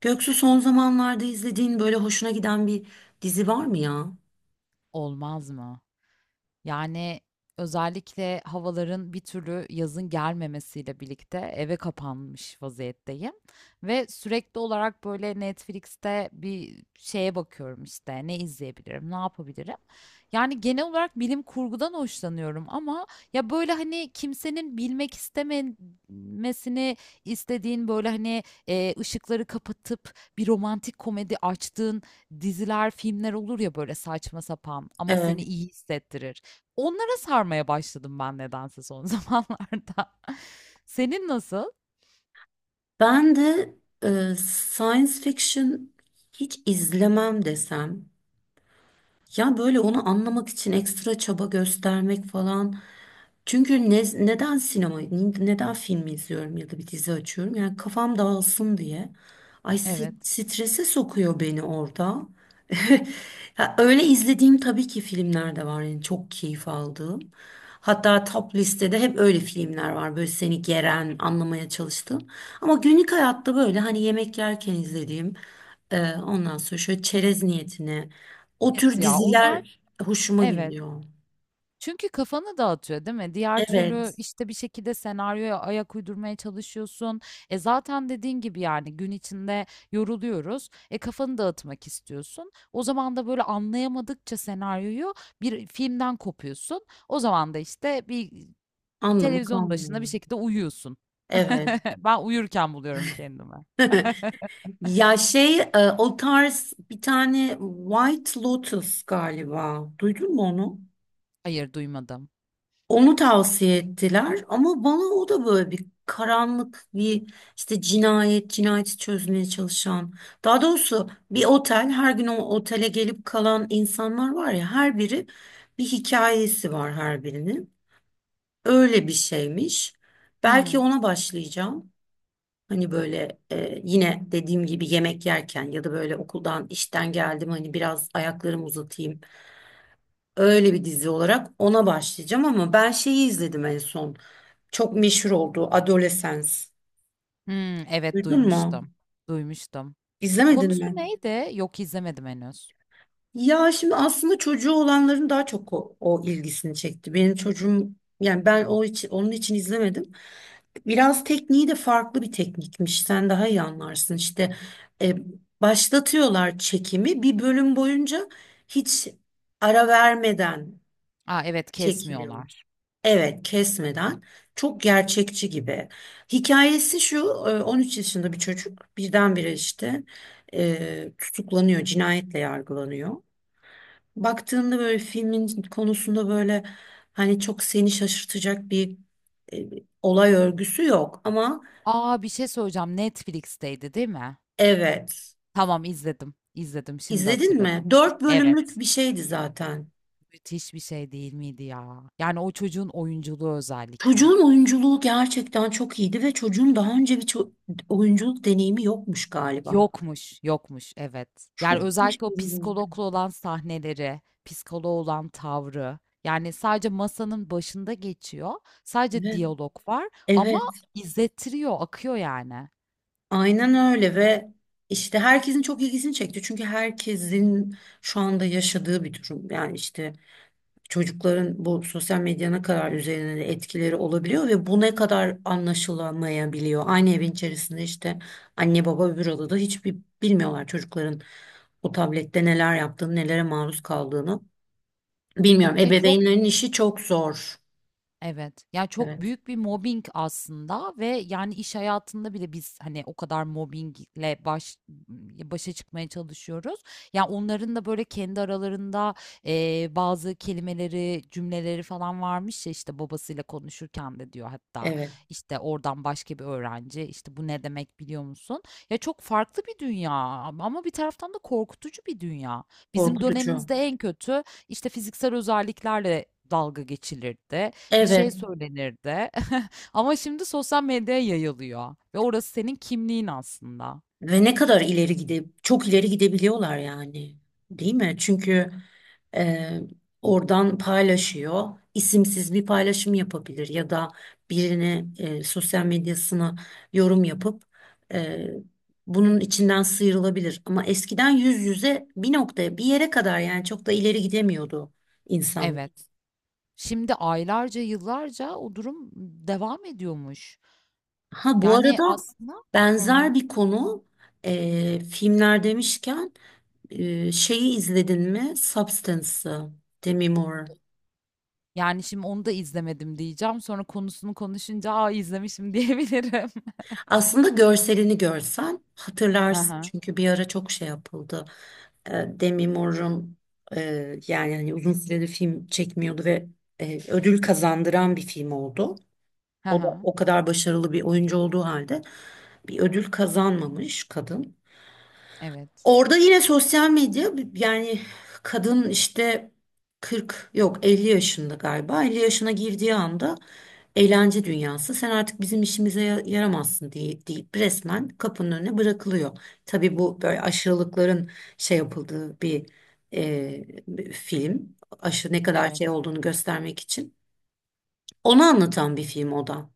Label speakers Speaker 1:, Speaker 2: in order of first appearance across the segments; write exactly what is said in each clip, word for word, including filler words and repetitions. Speaker 1: Göksu, son zamanlarda izlediğin böyle hoşuna giden bir dizi var mı ya?
Speaker 2: Olmaz mı? Yani, özellikle havaların bir türlü yazın gelmemesiyle birlikte eve kapanmış vaziyetteyim ve sürekli olarak, böyle, Netflix'te bir şeye bakıyorum, işte, ne izleyebilirim, ne yapabilirim? Yani, genel olarak bilim kurgudan hoşlanıyorum ama ya, böyle, hani, kimsenin bilmek istememesini istediğin, böyle, hani, eee, ışıkları kapatıp bir romantik komedi açtığın diziler, filmler olur ya, böyle, saçma sapan ama seni
Speaker 1: Evet.
Speaker 2: iyi hissettirir. Onlara sarmaya başladım ben nedense son zamanlarda. Senin nasıl?
Speaker 1: Ben de e, science fiction hiç izlemem desem. Ya böyle onu anlamak için ekstra çaba göstermek falan. Çünkü ne- neden sinema, neden film izliyorum ya da bir dizi açıyorum? Yani kafam dağılsın diye. Ay s-
Speaker 2: Evet.
Speaker 1: strese sokuyor beni orada. Ya öyle izlediğim tabii ki filmler de var. Yani çok keyif aldığım. Hatta top listede hep öyle filmler var. Böyle seni geren, anlamaya çalıştığım. Ama günlük hayatta böyle hani yemek yerken izlediğim, e, ondan sonra şöyle çerez niyetine o
Speaker 2: Evet
Speaker 1: tür
Speaker 2: ya
Speaker 1: diziler
Speaker 2: onlar
Speaker 1: hoşuma
Speaker 2: evet.
Speaker 1: gidiyor.
Speaker 2: Çünkü kafanı dağıtıyor değil mi? Diğer türlü
Speaker 1: Evet,
Speaker 2: işte bir şekilde senaryoya ayak uydurmaya çalışıyorsun. E zaten dediğin gibi yani gün içinde yoruluyoruz. E kafanı dağıtmak istiyorsun. O zaman da böyle anlayamadıkça senaryoyu bir filmden kopuyorsun. O zaman da işte bir
Speaker 1: anlamı
Speaker 2: televizyon başında bir
Speaker 1: kalmıyor.
Speaker 2: şekilde uyuyorsun.
Speaker 1: Evet.
Speaker 2: Ben uyurken buluyorum kendimi.
Speaker 1: Ya şey e, o tarz bir tane White Lotus galiba. Duydun mu onu?
Speaker 2: Hayır, duymadım.
Speaker 1: Onu tavsiye ettiler ama bana o da böyle bir karanlık bir işte cinayet, cinayeti çözmeye çalışan. Daha doğrusu bir otel her gün o otele gelip kalan insanlar var ya her biri bir hikayesi var her birinin. Öyle bir şeymiş.
Speaker 2: Hı
Speaker 1: Belki
Speaker 2: hı.
Speaker 1: ona başlayacağım. Hani böyle e, yine dediğim gibi yemek yerken ya da böyle okuldan işten geldim hani biraz ayaklarımı uzatayım. Öyle bir dizi olarak ona başlayacağım ama ben şeyi izledim en son. Çok meşhur oldu Adolescence.
Speaker 2: Hımm, evet
Speaker 1: Duydun mu?
Speaker 2: duymuştum, duymuştum.
Speaker 1: İzlemedin
Speaker 2: Konusu
Speaker 1: mi?
Speaker 2: neydi? Yok, izlemedim henüz.
Speaker 1: Ya şimdi aslında çocuğu olanların daha çok o, o ilgisini çekti. Benim çocuğum yani ben o için onun için izlemedim. Biraz tekniği de farklı bir teknikmiş. Sen daha iyi anlarsın. İşte e, başlatıyorlar çekimi bir bölüm boyunca hiç ara vermeden
Speaker 2: A, evet,
Speaker 1: çekiliyor.
Speaker 2: kesmiyorlar.
Speaker 1: Evet, kesmeden. Çok gerçekçi gibi. Hikayesi şu, e, on üç yaşında bir çocuk birdenbire işte e, tutuklanıyor, cinayetle yargılanıyor. Baktığında böyle filmin konusunda böyle hani çok seni şaşırtacak bir e, olay örgüsü yok ama
Speaker 2: A, bir şey söyleyeceğim, Netflix'teydi değil mi?
Speaker 1: evet
Speaker 2: Tamam, izledim, izledim, şimdi
Speaker 1: izledin mi?
Speaker 2: hatırladım.
Speaker 1: Dört bölümlük
Speaker 2: Evet,
Speaker 1: bir şeydi zaten.
Speaker 2: müthiş bir şey değil miydi ya? Yani o çocuğun oyunculuğu özellikle.
Speaker 1: Çocuğun oyunculuğu gerçekten çok iyiydi ve çocuğun daha önce bir ço- oyunculuk deneyimi yokmuş galiba.
Speaker 2: Yokmuş, yokmuş evet.
Speaker 1: Çok
Speaker 2: Yani özellikle o
Speaker 1: şaşırdım.
Speaker 2: psikologla olan sahneleri, psikoloğa olan tavrı. Yani sadece masanın başında geçiyor. Sadece
Speaker 1: Evet,
Speaker 2: diyalog var ama
Speaker 1: evet,
Speaker 2: izlettiriyor, akıyor yani.
Speaker 1: aynen öyle ve işte herkesin çok ilgisini çekti. Çünkü herkesin şu anda yaşadığı bir durum. Yani işte çocukların bu sosyal medya ne kadar üzerine de etkileri olabiliyor ve bu ne kadar anlaşılamayabiliyor. Aynı evin içerisinde işte anne baba öbür odada hiçbir bilmiyorlar çocukların o tablette neler yaptığını, nelere maruz kaldığını. Bilmiyorum.
Speaker 2: E, çok
Speaker 1: Ebeveynlerin işi çok zor.
Speaker 2: evet. Ya çok
Speaker 1: Evet.
Speaker 2: büyük bir mobbing aslında ve yani iş hayatında bile biz hani o kadar mobbingle baş başa çıkmaya çalışıyoruz. Ya onların da böyle kendi aralarında eee, bazı kelimeleri, cümleleri falan varmış ya işte babasıyla konuşurken de diyor hatta
Speaker 1: Evet.
Speaker 2: işte oradan başka bir öğrenci işte bu ne demek biliyor musun? Ya çok farklı bir dünya ama bir taraftan da korkutucu bir dünya. Bizim
Speaker 1: Korkutucu.
Speaker 2: dönemimizde en kötü işte fiziksel özelliklerle dalga geçilirdi bir şey
Speaker 1: Evet.
Speaker 2: söylenirdi. Ama şimdi sosyal medyaya yayılıyor ve orası senin kimliğin aslında.
Speaker 1: Ve ne kadar ileri gide, çok ileri gidebiliyorlar yani, değil mi? Çünkü e, oradan paylaşıyor, isimsiz bir paylaşım yapabilir ya da birine e, sosyal medyasına yorum yapıp e, bunun içinden sıyrılabilir. Ama eskiden yüz yüze bir noktaya, bir yere kadar yani çok da ileri gidemiyordu insan.
Speaker 2: Evet. Şimdi aylarca, yıllarca o durum devam ediyormuş.
Speaker 1: Ha bu
Speaker 2: Yani
Speaker 1: arada
Speaker 2: aslında hı hı.
Speaker 1: benzer bir konu e, filmler demişken. Ee, şeyi izledin mi? Substance'ı. Demi Moore.
Speaker 2: Yani şimdi onu da izlemedim diyeceğim. Sonra konusunu konuşunca aa izlemişim diyebilirim.
Speaker 1: Aslında görselini görsen
Speaker 2: Hı
Speaker 1: hatırlarsın.
Speaker 2: hı.
Speaker 1: Çünkü bir ara çok şey yapıldı. Ee, Demi Moore'un e, yani hani uzun süredir film çekmiyordu ve e, ödül kazandıran bir film oldu.
Speaker 2: Hı
Speaker 1: O da
Speaker 2: hı.
Speaker 1: o kadar başarılı bir oyuncu olduğu halde bir ödül kazanmamış kadın.
Speaker 2: Evet.
Speaker 1: Orada yine sosyal medya yani kadın işte kırk yok elli yaşında galiba elli yaşına girdiği anda eğlence dünyası sen artık bizim işimize ya- yaramazsın diye deyip resmen kapının önüne bırakılıyor. Tabii bu böyle aşırılıkların şey yapıldığı bir e, bir film aşırı ne kadar
Speaker 2: Evet.
Speaker 1: şey olduğunu göstermek için onu anlatan bir film o da.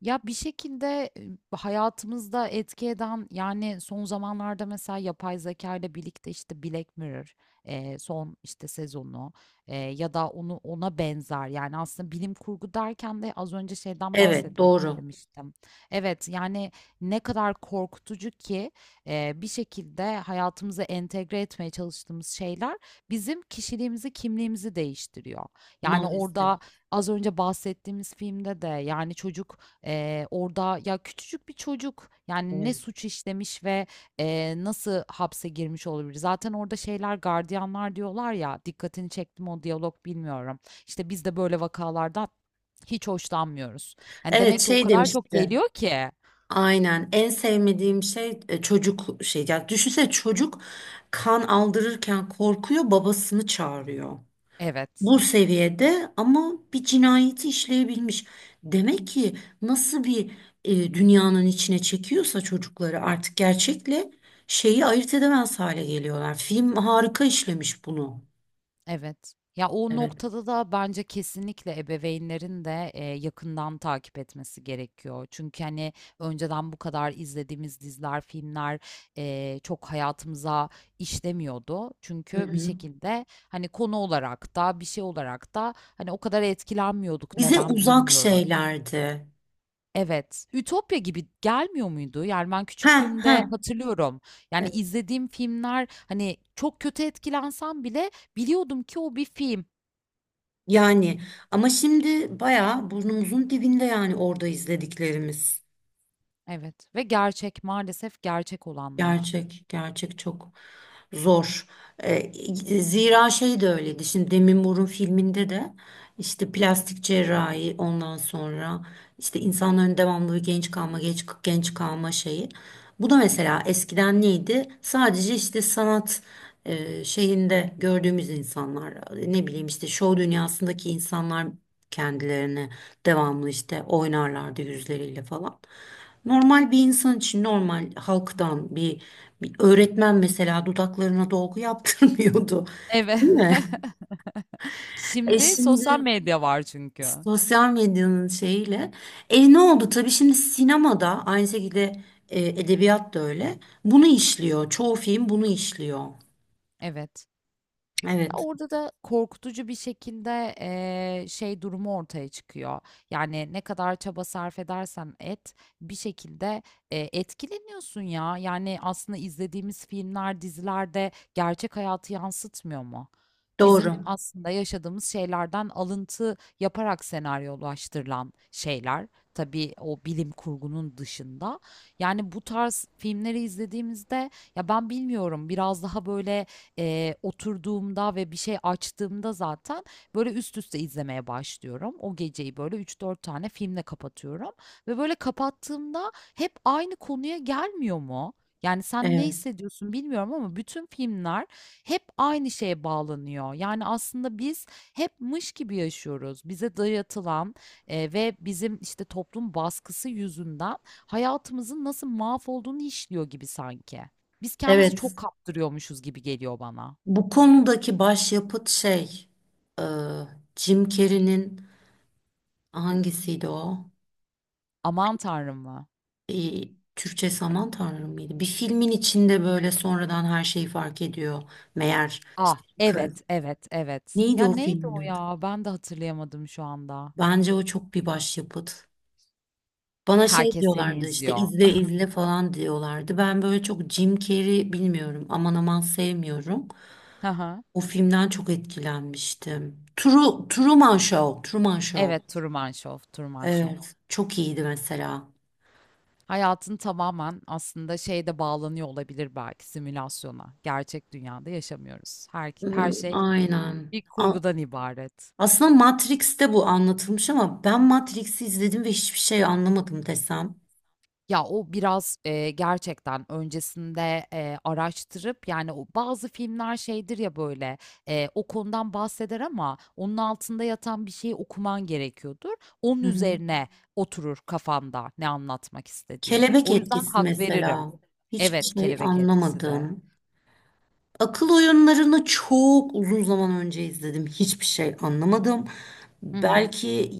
Speaker 2: Ya bir şekilde e, hayatımızda etki eden yani son zamanlarda mesela yapay zeka ile birlikte işte Black Mirror e, son işte sezonu e, ya da onu ona benzer yani aslında bilim kurgu derken de az önce şeyden
Speaker 1: Evet
Speaker 2: bahsetmek
Speaker 1: doğru
Speaker 2: istemiştim. Evet yani ne kadar korkutucu ki e, bir şekilde hayatımıza entegre etmeye çalıştığımız şeyler bizim kişiliğimizi, kimliğimizi değiştiriyor. Yani
Speaker 1: maalesef
Speaker 2: orada az önce bahsettiğimiz filmde de yani çocuk Eee, orada ya küçücük bir çocuk, yani, ne
Speaker 1: evet.
Speaker 2: suç işlemiş ve, eee, nasıl hapse girmiş olabilir? Zaten orada şeyler, gardiyanlar diyorlar ya, dikkatini çekti mi o diyalog bilmiyorum. İşte, "Biz de böyle vakalardan hiç hoşlanmıyoruz." Yani,
Speaker 1: Evet
Speaker 2: demek ki o
Speaker 1: şey
Speaker 2: kadar çok
Speaker 1: demişti.
Speaker 2: geliyor ki.
Speaker 1: Aynen. En sevmediğim şey e, çocuk şey. Yani düşünsene çocuk kan aldırırken korkuyor, babasını çağırıyor.
Speaker 2: Evet.
Speaker 1: Bu seviyede ama bir cinayeti işleyebilmiş. Demek ki nasıl bir e, dünyanın içine çekiyorsa çocukları artık gerçekle şeyi ayırt edemez hale geliyorlar. Film harika işlemiş bunu.
Speaker 2: Evet. Ya o
Speaker 1: Evet.
Speaker 2: noktada da bence kesinlikle ebeveynlerin de e, yakından takip etmesi gerekiyor. Çünkü hani önceden bu kadar izlediğimiz diziler, filmler e, çok hayatımıza işlemiyordu.
Speaker 1: Hı
Speaker 2: Çünkü bir
Speaker 1: hı.
Speaker 2: şekilde hani konu olarak da bir şey olarak da hani o kadar etkilenmiyorduk
Speaker 1: Bize
Speaker 2: neden
Speaker 1: uzak
Speaker 2: bilmiyorum.
Speaker 1: şeylerdi.
Speaker 2: Evet. Ütopya gibi gelmiyor muydu? Yani ben
Speaker 1: Ha ha.
Speaker 2: küçüklüğümde hatırlıyorum. Yani izlediğim filmler hani çok kötü etkilensem bile biliyordum ki o bir film.
Speaker 1: Yani ama şimdi bayağı burnumuzun dibinde yani orada izlediklerimiz.
Speaker 2: Evet ve gerçek, maalesef gerçek olanlar.
Speaker 1: Gerçek, gerçek çok zor. Ee, Zira şey de öyleydi. Şimdi Demi Moore'un filminde de işte plastik cerrahi ondan sonra işte insanların devamlı bir genç kalma, genç, genç kalma şeyi. Bu da mesela eskiden neydi? Sadece işte sanat e, şeyinde gördüğümüz insanlar, ne bileyim işte şov dünyasındaki insanlar kendilerini devamlı işte oynarlardı yüzleriyle falan. Normal bir insan için normal halktan bir, bir öğretmen mesela dudaklarına dolgu yaptırmıyordu.
Speaker 2: Evet.
Speaker 1: Değil mi? E
Speaker 2: Şimdi sosyal
Speaker 1: şimdi
Speaker 2: medya var çünkü.
Speaker 1: sosyal medyanın şeyiyle. E ne oldu? Tabii şimdi sinemada aynı şekilde e, edebiyat da öyle. Bunu işliyor. Çoğu film bunu işliyor.
Speaker 2: Evet. Ya
Speaker 1: Evet.
Speaker 2: orada da korkutucu bir şekilde eee, şey durumu ortaya çıkıyor. Yani ne kadar çaba sarf edersen et bir şekilde eee, etkileniyorsun ya. Yani aslında izlediğimiz filmler, dizilerde gerçek hayatı yansıtmıyor mu?
Speaker 1: Doğru.
Speaker 2: Bizim aslında yaşadığımız şeylerden alıntı yaparak senaryolaştırılan şeyler. Tabii o bilim kurgunun dışında. Yani bu tarz filmleri izlediğimizde ya ben bilmiyorum biraz daha böyle eee, oturduğumda ve bir şey açtığımda zaten böyle üst üste izlemeye başlıyorum. O geceyi böyle üç dört tane filmle kapatıyorum ve böyle kapattığımda hep aynı konuya gelmiyor mu? Yani sen ne
Speaker 1: Evet.
Speaker 2: hissediyorsun bilmiyorum ama bütün filmler hep aynı şeye bağlanıyor. Yani aslında biz hep mış gibi yaşıyoruz. Bize dayatılan e, ve bizim işte toplum baskısı yüzünden hayatımızın nasıl mahvolduğunu işliyor gibi sanki. Biz kendimizi
Speaker 1: Evet.
Speaker 2: çok kaptırıyormuşuz gibi geliyor bana.
Speaker 1: Bu konudaki başyapıt şey e, Jim Carrey'nin hangisiydi o?
Speaker 2: Aman Tanrım mı?
Speaker 1: e, Türkçe Saman Tanrım mıydı? Bir filmin içinde böyle sonradan her şeyi fark ediyor. Meğer
Speaker 2: Ah,
Speaker 1: işte karı.
Speaker 2: evet, evet, evet.
Speaker 1: Neydi
Speaker 2: Ya
Speaker 1: o
Speaker 2: neydi
Speaker 1: filmin
Speaker 2: o
Speaker 1: adı?
Speaker 2: ya? Ben de hatırlayamadım şu anda.
Speaker 1: Bence o çok bir başyapıt. Bana şey
Speaker 2: Herkes seni
Speaker 1: diyorlardı işte
Speaker 2: izliyor.
Speaker 1: izle izle falan diyorlardı. Ben böyle çok Jim Carrey bilmiyorum aman aman sevmiyorum.
Speaker 2: Hı hı.
Speaker 1: O filmden çok etkilenmiştim. True, Truman Show, Truman Show.
Speaker 2: Evet, Truman Show, Truman Show.
Speaker 1: Evet, çok iyiydi mesela.
Speaker 2: Hayatın tamamen aslında şeyde bağlanıyor olabilir belki simülasyona. Gerçek dünyada yaşamıyoruz. Her,
Speaker 1: Hmm,
Speaker 2: her şey
Speaker 1: aynen.
Speaker 2: bir kurgudan ibaret.
Speaker 1: Aslında Matrix'te bu anlatılmış ama ben Matrix'i izledim ve hiçbir şey anlamadım desem.
Speaker 2: Ya, o biraz, eee, gerçekten öncesinde, eee, araştırıp, yani, o bazı filmler şeydir ya, böyle, eee, o konudan bahseder ama onun altında yatan bir şeyi okuman gerekiyordur. Onun
Speaker 1: Hı hı.
Speaker 2: üzerine oturur kafanda ne anlatmak istediği.
Speaker 1: Kelebek
Speaker 2: O yüzden
Speaker 1: etkisi
Speaker 2: hak veririm.
Speaker 1: mesela. Hiçbir
Speaker 2: Evet,
Speaker 1: şey
Speaker 2: Kelebek Etkisi de.
Speaker 1: anlamadım. Akıl oyunlarını çok uzun zaman önce izledim. Hiçbir şey anlamadım.
Speaker 2: Hı hı.
Speaker 1: Belki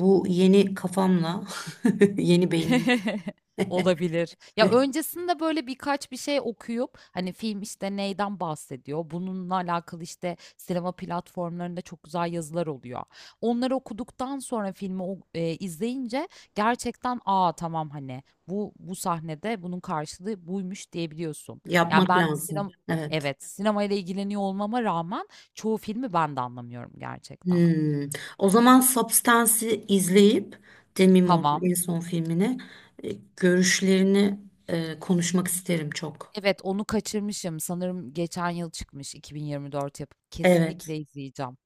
Speaker 1: bu yeni kafamla, yeni beynim
Speaker 2: Olabilir. Ya, öncesinde, böyle, birkaç bir şey okuyup, hani, film, işte, neyden bahsediyor, bununla alakalı, işte, sinema platformlarında çok güzel yazılar oluyor. Onları okuduktan sonra filmi o eee, izleyince gerçekten, "A, tamam, hani, bu bu sahnede bunun karşılığı buymuş." diyebiliyorsun. Yani,
Speaker 1: yapmak
Speaker 2: ben
Speaker 1: lazım.
Speaker 2: sinem
Speaker 1: Evet.
Speaker 2: evet, sinemayla ilgileniyor olmama rağmen çoğu filmi ben de anlamıyorum gerçekten.
Speaker 1: Hmm. O zaman Substance'i izleyip Demi Hı. Moore'un
Speaker 2: Tamam.
Speaker 1: en son filmini e, görüşlerini e, konuşmak isterim çok.
Speaker 2: Evet, onu kaçırmışım. Sanırım geçen yıl çıkmış iki bin yirmi dört yapımı.
Speaker 1: Evet,
Speaker 2: Kesinlikle izleyeceğim.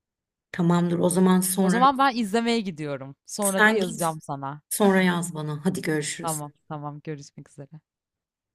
Speaker 1: tamamdır. O zaman
Speaker 2: O
Speaker 1: sonra
Speaker 2: zaman ben izlemeye gidiyorum. Sonra da
Speaker 1: sen git
Speaker 2: yazacağım sana.
Speaker 1: sonra yaz bana. Hadi görüşürüz.
Speaker 2: Tamam, tamam. Görüşmek üzere.